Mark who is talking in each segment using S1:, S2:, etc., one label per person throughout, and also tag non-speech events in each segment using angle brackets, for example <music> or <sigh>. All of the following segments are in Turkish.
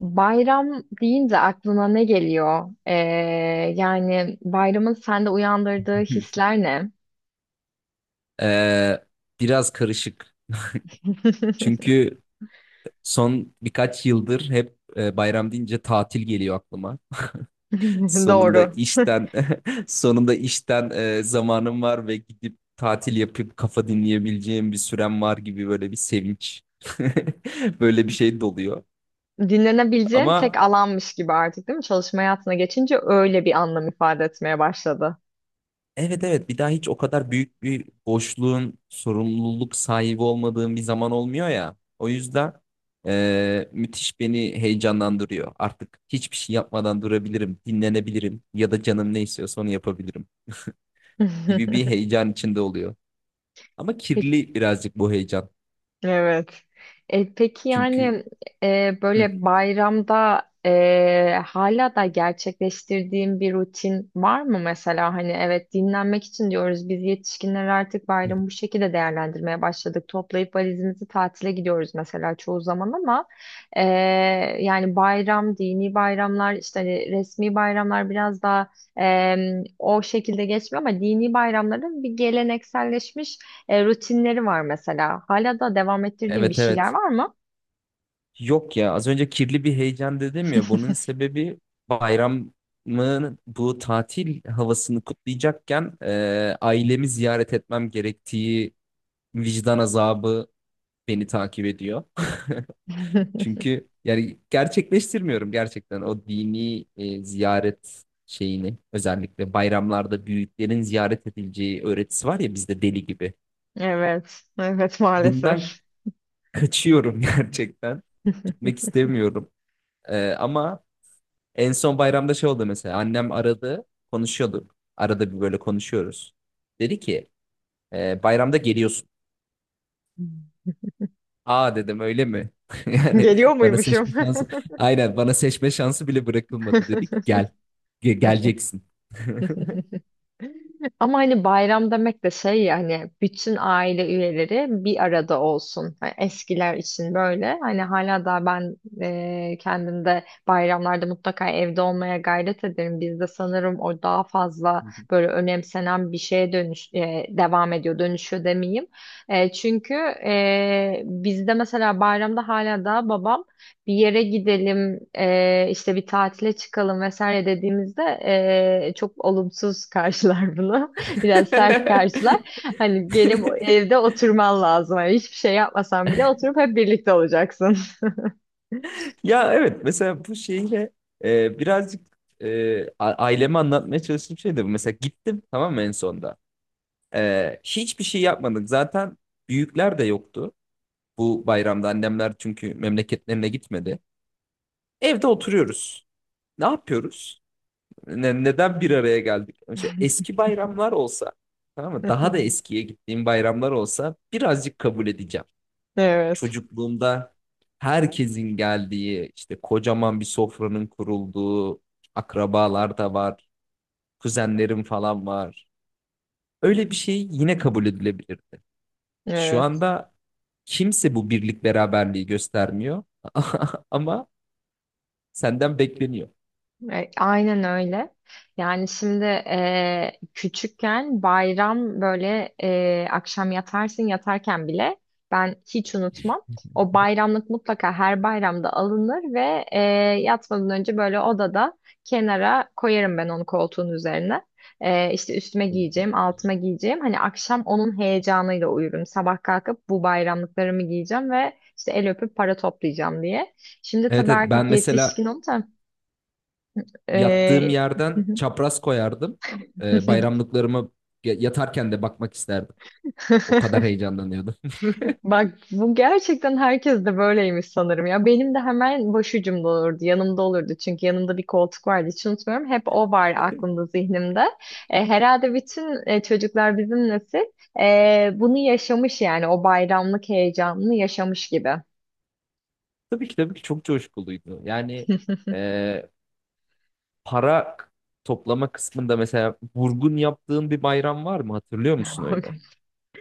S1: Bayram deyince aklına ne geliyor? Yani bayramın sende uyandırdığı
S2: Hı.
S1: hisler ne?
S2: Ee, biraz karışık.
S1: <laughs>
S2: Çünkü son birkaç yıldır hep bayram deyince tatil geliyor aklıma. <laughs> Sonunda
S1: Doğru.
S2: işten <laughs> zamanım var ve gidip tatil yapıp kafa dinleyebileceğim bir sürem var gibi böyle bir sevinç. <laughs> Böyle bir şey doluyor.
S1: Dinlenebileceğin tek
S2: Ama
S1: alanmış gibi artık değil mi? Çalışma hayatına geçince öyle bir anlam ifade etmeye başladı.
S2: evet, evet, bir daha hiç o kadar büyük bir boşluğun sorumluluk sahibi olmadığım bir zaman olmuyor ya. O yüzden müthiş beni heyecanlandırıyor. Artık hiçbir şey yapmadan durabilirim, dinlenebilirim ya da canım ne istiyorsa onu yapabilirim gibi bir
S1: <laughs>
S2: heyecan içinde oluyor. Ama
S1: Peki.
S2: kirli birazcık bu heyecan.
S1: Evet. Peki
S2: Çünkü
S1: yani,
S2: hı,
S1: böyle bayramda hala da gerçekleştirdiğim bir rutin var mı mesela? Hani evet, dinlenmek için diyoruz, biz yetişkinler artık
S2: hı,
S1: bayramı bu şekilde değerlendirmeye başladık. Toplayıp valizimizi tatile gidiyoruz mesela çoğu zaman, ama e, yani bayram, dini bayramlar işte, hani resmi bayramlar biraz daha e, o şekilde geçmiyor, ama dini bayramların bir gelenekselleşmiş rutinleri var mesela. Hala da devam ettirdiğin bir
S2: evet,
S1: şeyler
S2: evet.
S1: var mı?
S2: Yok ya, az önce kirli bir heyecan dedim ya, bunun sebebi bayramın bu tatil havasını kutlayacakken ailemi ziyaret etmem gerektiği vicdan azabı beni takip ediyor. <laughs>
S1: <laughs>
S2: Çünkü yani gerçekleştirmiyorum gerçekten o dini ziyaret şeyini, özellikle bayramlarda büyüklerin ziyaret edileceği öğretisi var ya bizde deli gibi.
S1: Evet, evet,
S2: Bundan
S1: maalesef.
S2: kaçıyorum, <laughs> gerçekten gitmek
S1: <laughs>
S2: istemiyorum. Ama en son bayramda şey oldu mesela. Annem aradı. Konuşuyorduk. Arada bir böyle konuşuyoruz. Dedi ki, "Bayramda geliyorsun." Aa, dedim, öyle mi? <laughs> Yani
S1: Geliyor
S2: bana
S1: muymuşum?
S2: seçme şansı. Aynen, bana seçme şansı bile bırakılmadı. Dedi ki
S1: <laughs>
S2: gel. Geleceksin.
S1: Ama hani bayram demek de şey ya, hani bütün aile üyeleri bir arada olsun. Hani eskiler için böyle. Hani hala da ben kendimde bayramlarda mutlaka evde olmaya gayret ederim. Bizde sanırım o daha fazla böyle
S2: <laughs>
S1: önemsenen bir şeye dönüş devam ediyor. Dönüşüyor demeyeyim. Çünkü bizde mesela bayramda hala da babam bir yere gidelim, işte bir tatile çıkalım vesaire dediğimizde çok olumsuz <laughs> karşılar bunu. Biraz sert karşılar. Hani gelip evde oturman lazım. Hani hiçbir şey yapmasan bile oturup hep birlikte olacaksın.
S2: Ya evet, mesela bu şeyle birazcık aileme anlatmaya çalıştığım şey de bu. Mesela gittim, tamam mı, en sonda. Hiçbir şey yapmadık. Zaten büyükler de yoktu. Bu bayramda annemler çünkü memleketlerine gitmedi. Evde oturuyoruz. Ne yapıyoruz? Neden bir araya geldik? Önce eski bayramlar olsa, tamam mı? Daha da
S1: <laughs>
S2: eskiye gittiğim bayramlar olsa birazcık kabul edeceğim.
S1: Evet,
S2: Çocukluğumda herkesin geldiği, işte kocaman bir sofranın kurulduğu, akrabalar da var, kuzenlerim falan var. Öyle bir şey yine kabul edilebilirdi. Şu
S1: evet.
S2: anda kimse bu birlik beraberliği göstermiyor. <laughs> Ama senden bekleniyor.
S1: Aynen öyle. Yani şimdi, küçükken bayram böyle, akşam yatarsın, yatarken bile ben hiç unutmam. O bayramlık mutlaka her bayramda alınır ve yatmadan önce böyle odada kenara koyarım ben onu koltuğun üzerine. İşte üstüme giyeceğim, altıma giyeceğim. Hani akşam onun heyecanıyla uyurum. Sabah kalkıp bu bayramlıklarımı giyeceğim ve işte el öpüp para toplayacağım diye. Şimdi
S2: Evet,
S1: tabii
S2: evet, ben
S1: artık yetişkin
S2: mesela
S1: oldum.
S2: yattığım
S1: Ee,
S2: yerden çapraz koyardım. Ee,
S1: <laughs>
S2: bayramlıklarımı yatarken de bakmak isterdim. O kadar heyecanlanıyordum.
S1: Bak, bu gerçekten herkes de böyleymiş sanırım ya. Benim de hemen başucumda olurdu, yanımda olurdu. Çünkü yanımda bir koltuk vardı, hiç unutmuyorum. Hep o var
S2: <laughs>
S1: aklımda, zihnimde. Herhalde bütün çocuklar, bizim nesil, bunu yaşamış yani, o bayramlık heyecanını yaşamış gibi.
S2: Tabii ki, tabii ki çok coşkuluydu. Yani e, para toplama kısmında mesela vurgun yaptığın bir bayram var mı? Hatırlıyor musun öyle?
S1: <laughs>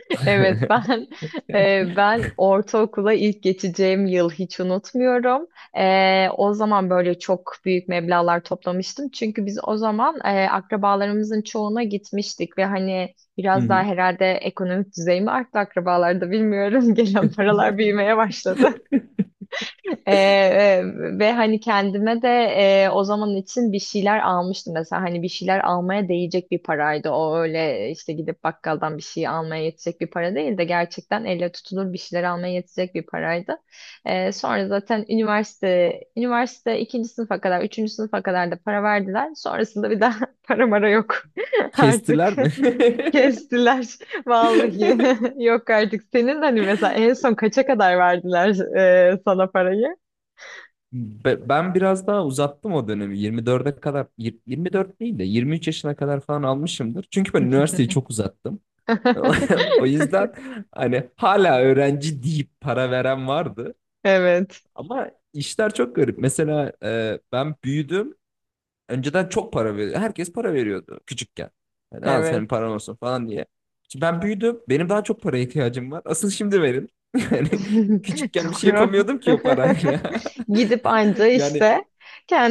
S1: <laughs> Evet,
S2: <laughs>
S1: ben ben ortaokula ilk geçeceğim yıl hiç unutmuyorum. O zaman böyle çok büyük meblağlar toplamıştım. Çünkü biz o zaman akrabalarımızın çoğuna gitmiştik ve hani
S2: Hı
S1: biraz daha
S2: hı.
S1: herhalde ekonomik düzey arttı akrabalarda, bilmiyorum. <laughs> Gelen paralar büyümeye başladı.
S2: <laughs>
S1: Ee, e, ve hani kendime de o zaman için bir şeyler almıştım mesela, hani bir şeyler almaya değecek bir paraydı o, öyle işte gidip bakkaldan bir şey almaya yetecek bir para değil de gerçekten elle tutulur bir şeyler almaya yetecek bir paraydı. Sonra zaten üniversite ikinci sınıfa kadar, üçüncü sınıfa kadar da para verdiler, sonrasında bir daha <laughs> para mara yok <laughs> artık.
S2: Kestiler
S1: <laughs>
S2: mi?
S1: Kestiler <laughs> vallahi.
S2: <laughs>
S1: <laughs> Yok artık. Senin hani mesela en son kaça kadar verdiler sana parayı?
S2: Ben biraz daha uzattım o dönemi. 24'e kadar, 24 değil de 23 yaşına kadar falan almışımdır. Çünkü ben üniversiteyi çok uzattım. <laughs> O yüzden
S1: <laughs>
S2: hani hala öğrenci deyip para veren vardı.
S1: Evet.
S2: Ama işler çok garip. Mesela, ben büyüdüm. Önceden çok para veriyordu. Herkes para veriyordu küçükken. Yani al, senin
S1: Evet.
S2: paran olsun falan diye. Şimdi ben büyüdüm. Benim daha çok paraya ihtiyacım var. Asıl şimdi verin. <laughs> Yani
S1: <laughs>
S2: küçükken bir şey
S1: Doğru.
S2: yapamıyordum ki o parayla.
S1: <laughs>
S2: <laughs>
S1: Gidip anca
S2: Yani
S1: işte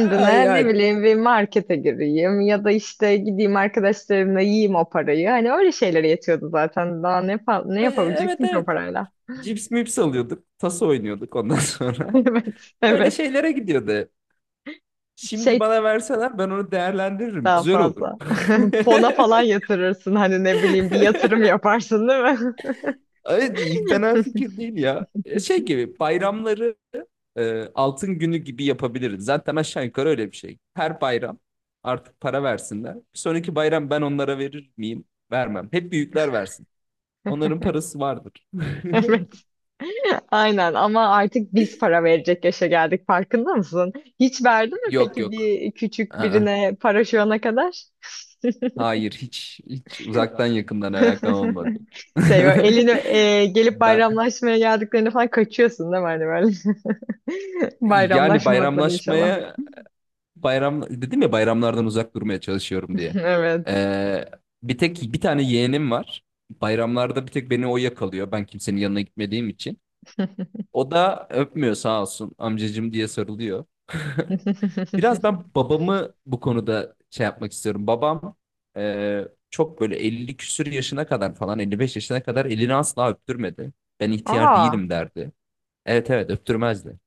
S2: ay,
S1: ne
S2: ay.
S1: bileyim, bir markete gireyim ya da işte gideyim arkadaşlarımla yiyeyim o parayı. Hani öyle şeylere yetiyordu zaten. Daha ne, ne
S2: Evet
S1: yapabileceksin ki o
S2: evet.
S1: parayla? <laughs>
S2: Cips mips alıyorduk. Taso oynuyorduk ondan sonra.
S1: Evet,
S2: <laughs> Öyle
S1: evet.
S2: şeylere gidiyordu hep. Şimdi
S1: Şey,
S2: bana verseler ben onu değerlendiririm.
S1: daha
S2: Güzel olur.
S1: fazla.
S2: <laughs>
S1: <laughs> Fona falan yatırırsın, hani ne bileyim, bir yatırım yaparsın değil mi?
S2: Evet, iyi, fena fikir değil ya. Şey gibi bayramları altın günü gibi yapabiliriz. Zaten aşağı yukarı öyle bir şey. Her bayram artık para versinler. Bir sonraki bayram ben onlara verir miyim? Vermem. Hep büyükler versin.
S1: <laughs>
S2: Onların parası vardır.
S1: <laughs> Evet. Aynen, ama artık biz para verecek yaşa geldik, farkında mısın? Hiç
S2: <laughs>
S1: verdin mi
S2: Yok,
S1: peki
S2: yok.
S1: bir küçük
S2: Aa.
S1: birine para şu ana kadar?
S2: Hayır, hiç hiç uzaktan yakından alakam olmadı.
S1: <laughs> Şey, böyle
S2: <laughs>
S1: elini gelip
S2: Ben,
S1: bayramlaşmaya geldiklerinde falan kaçıyorsun değil mi? Hani böyle <laughs>
S2: yani
S1: bayramlaşmazlar inşallah.
S2: bayramlaşmaya, bayram dedim ya, bayramlardan uzak durmaya çalışıyorum
S1: <laughs>
S2: diye.
S1: Evet.
S2: Ee, bir tek bir tane yeğenim var. Bayramlarda bir tek beni o yakalıyor. Ben kimsenin yanına gitmediğim için. O da öpmüyor, sağ olsun, amcacım diye sarılıyor. <laughs> Biraz
S1: <laughs>
S2: ben babamı bu konuda şey yapmak istiyorum. Babam, çok böyle 50 küsür yaşına kadar falan, 55 yaşına kadar elini asla öptürmedi. Ben ihtiyar
S1: Aa.
S2: değilim, derdi. Evet, evet, öptürmezdi.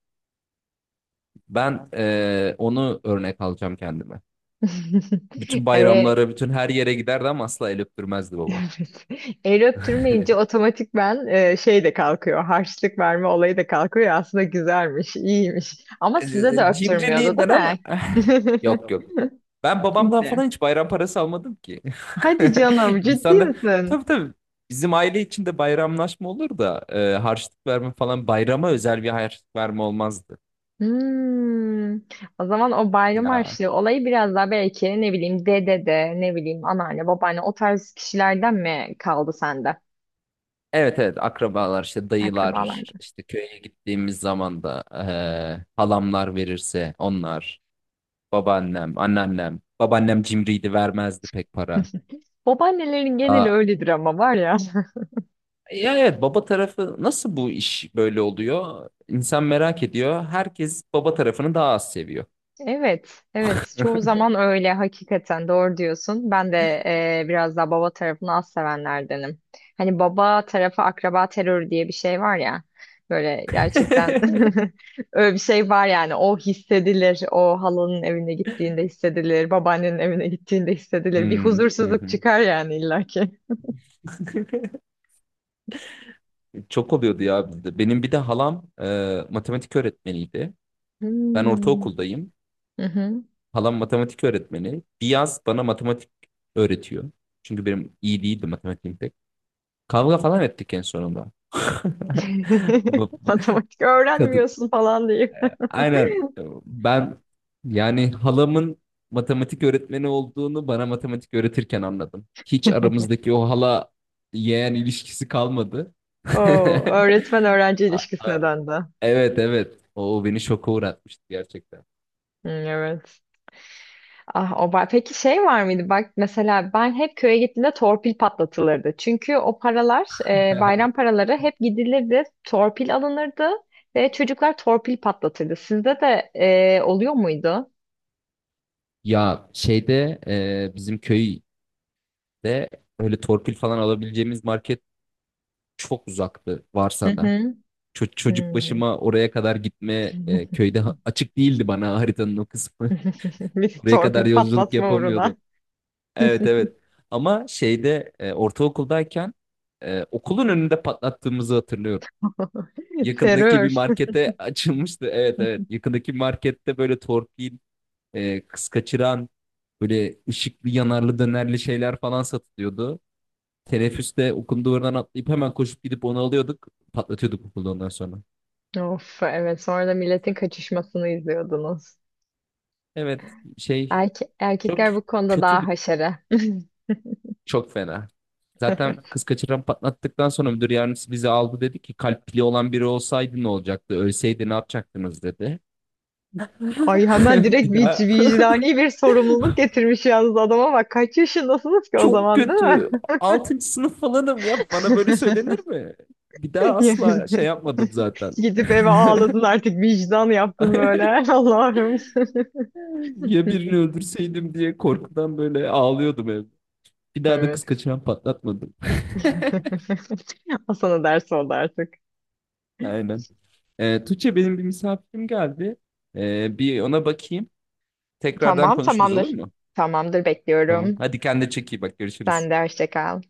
S2: Ben, onu örnek alacağım kendime. Bütün
S1: <laughs> E,
S2: bayramlara, bütün her yere giderdi ama asla el öptürmezdi babam.
S1: Evet. El öptürmeyince
S2: <laughs>
S1: otomatik ben şey de kalkıyor. Harçlık verme olayı da kalkıyor. Aslında güzelmiş, iyiymiş. Ama
S2: E,
S1: size de
S2: e,
S1: öptürmüyordu
S2: Cimriliğinden
S1: değil
S2: ama.
S1: mi?
S2: <laughs> Yok,
S1: <laughs>
S2: yok. Ben babamdan
S1: Kimse.
S2: falan hiç bayram parası almadım ki.
S1: Hadi
S2: <laughs>
S1: canım, ciddi
S2: İnsanlar,
S1: misin?
S2: tabii tabii bizim aile içinde bayramlaşma olur da harçlık verme falan, bayrama özel bir harçlık verme olmazdı.
S1: Hmm. O zaman o bayram
S2: Ya
S1: harçlığı olayı biraz daha belki, ne bileyim, dede de, ne bileyim, anneanne, babaanne, o tarz kişilerden mi kaldı sende?
S2: evet, evet, akrabalar işte, dayılar
S1: Akrabalarda.
S2: işte, köye gittiğimiz zaman da halamlar verirse onlar. Babaannem, anneannem, babaannem cimriydi, vermezdi pek para.
S1: Babaannelerin geneli
S2: Aa,
S1: öyledir ama, var ya.
S2: ya evet, baba tarafı nasıl bu iş böyle oluyor? İnsan merak ediyor. Herkes baba tarafını daha az seviyor.
S1: Evet, evet. Çoğu
S2: <laughs>
S1: zaman öyle, hakikaten doğru diyorsun. Ben de biraz daha baba tarafını az sevenlerdenim. Hani baba tarafı akraba terörü diye bir şey var ya. Böyle gerçekten <laughs> öyle bir şey var yani. O hissedilir. O halanın evine gittiğinde hissedilir. Babaannenin evine gittiğinde hissedilir. Bir
S2: Hmm, hı
S1: huzursuzluk
S2: hı.
S1: çıkar yani illaki.
S2: Çok oluyordu ya bizde. Benim bir de halam, matematik öğretmeniydi. Ben
S1: Hmm.
S2: ortaokuldayım.
S1: Hı hı.
S2: Halam matematik öğretmeni. Bir yaz bana matematik öğretiyor. Çünkü benim iyi değildi matematiğim pek. Kavga falan ettik en sonunda. <laughs> Bu-
S1: <laughs>
S2: bu-
S1: Matematik öğrenmiyorsun falan diye.
S2: Aynen. Ben, yani halamın matematik öğretmeni olduğunu bana matematik öğretirken anladım. Hiç aramızdaki o hala yeğen ilişkisi kalmadı. <laughs>
S1: Oo, öğretmen öğrenci
S2: A-
S1: ilişkisine
S2: a-
S1: döndü.
S2: Evet, evet. O beni şoka uğratmıştı gerçekten.
S1: Hı, evet. Ah o peki şey var mıydı? Bak mesela ben hep köye gittiğimde torpil patlatılırdı. Çünkü o paralar, bayram
S2: <laughs>
S1: paraları, hep gidilirdi, torpil alınırdı ve çocuklar torpil patlatırdı. Sizde de oluyor muydu?
S2: Ya şeyde, bizim köyde öyle torpil falan alabileceğimiz market çok uzaktı,
S1: Hı
S2: varsa da.
S1: hı.
S2: Çocuk
S1: Hmm.
S2: başıma oraya kadar gitme,
S1: <laughs>
S2: köyde açık değildi bana haritanın o kısmı.
S1: Bir
S2: Buraya kadar
S1: torpil
S2: yolculuk
S1: patlatma uğruna.
S2: yapamıyordum. Evet, evet. Ama şeyde, ortaokuldayken okulun önünde patlattığımızı hatırlıyorum.
S1: <laughs>
S2: Yakındaki
S1: Terör.
S2: bir markete <laughs> açılmıştı. Evet, evet. Yakındaki markette böyle torpil, kız kaçıran, böyle ışıklı yanarlı dönerli şeyler falan satılıyordu. Teneffüste okulun duvarından atlayıp hemen koşup gidip onu alıyorduk. Patlatıyorduk okulda ondan sonra.
S1: Of evet, sonra da milletin kaçışmasını izliyordunuz.
S2: Evet, şey, çok
S1: Erkekler bu konuda
S2: kötü
S1: daha
S2: bir.
S1: haşere.
S2: Çok fena. Zaten
S1: <laughs>
S2: kız kaçıran patlattıktan sonra müdür yardımcısı bizi aldı, dedi ki, kalp pili olan biri olsaydı ne olacaktı? Ölseydi ne yapacaktınız, dedi.
S1: Ay, hemen
S2: <laughs>
S1: direkt
S2: Bir daha.
S1: vicdani bir sorumluluk getirmiş yalnız, adama bak. Kaç yaşındasınız
S2: <laughs>
S1: ki o
S2: Çok
S1: zaman, değil mi?
S2: kötü. Altıncı sınıf falanım ya. Bana böyle
S1: <laughs>
S2: söylenir mi? Bir daha
S1: Yani
S2: asla şey yapmadım zaten.
S1: gidip eve ağladın
S2: <laughs>
S1: artık, vicdan yaptın böyle. <laughs> Allah'ım.
S2: Ya birini öldürseydim diye korkudan böyle ağlıyordum evde. Bir daha da
S1: Evet.
S2: kız kaçıran patlatmadım.
S1: <laughs> O sana ders oldu artık.
S2: <laughs> Aynen. Tuğçe benim bir misafirim geldi. Bir ona bakayım. Tekrardan
S1: Tamam,
S2: konuşuruz, olur
S1: tamamdır.
S2: mu?
S1: Tamamdır,
S2: Tamam.
S1: bekliyorum.
S2: Hadi kendine çek, iyi bak, görüşürüz.
S1: Sen de hoşça kal.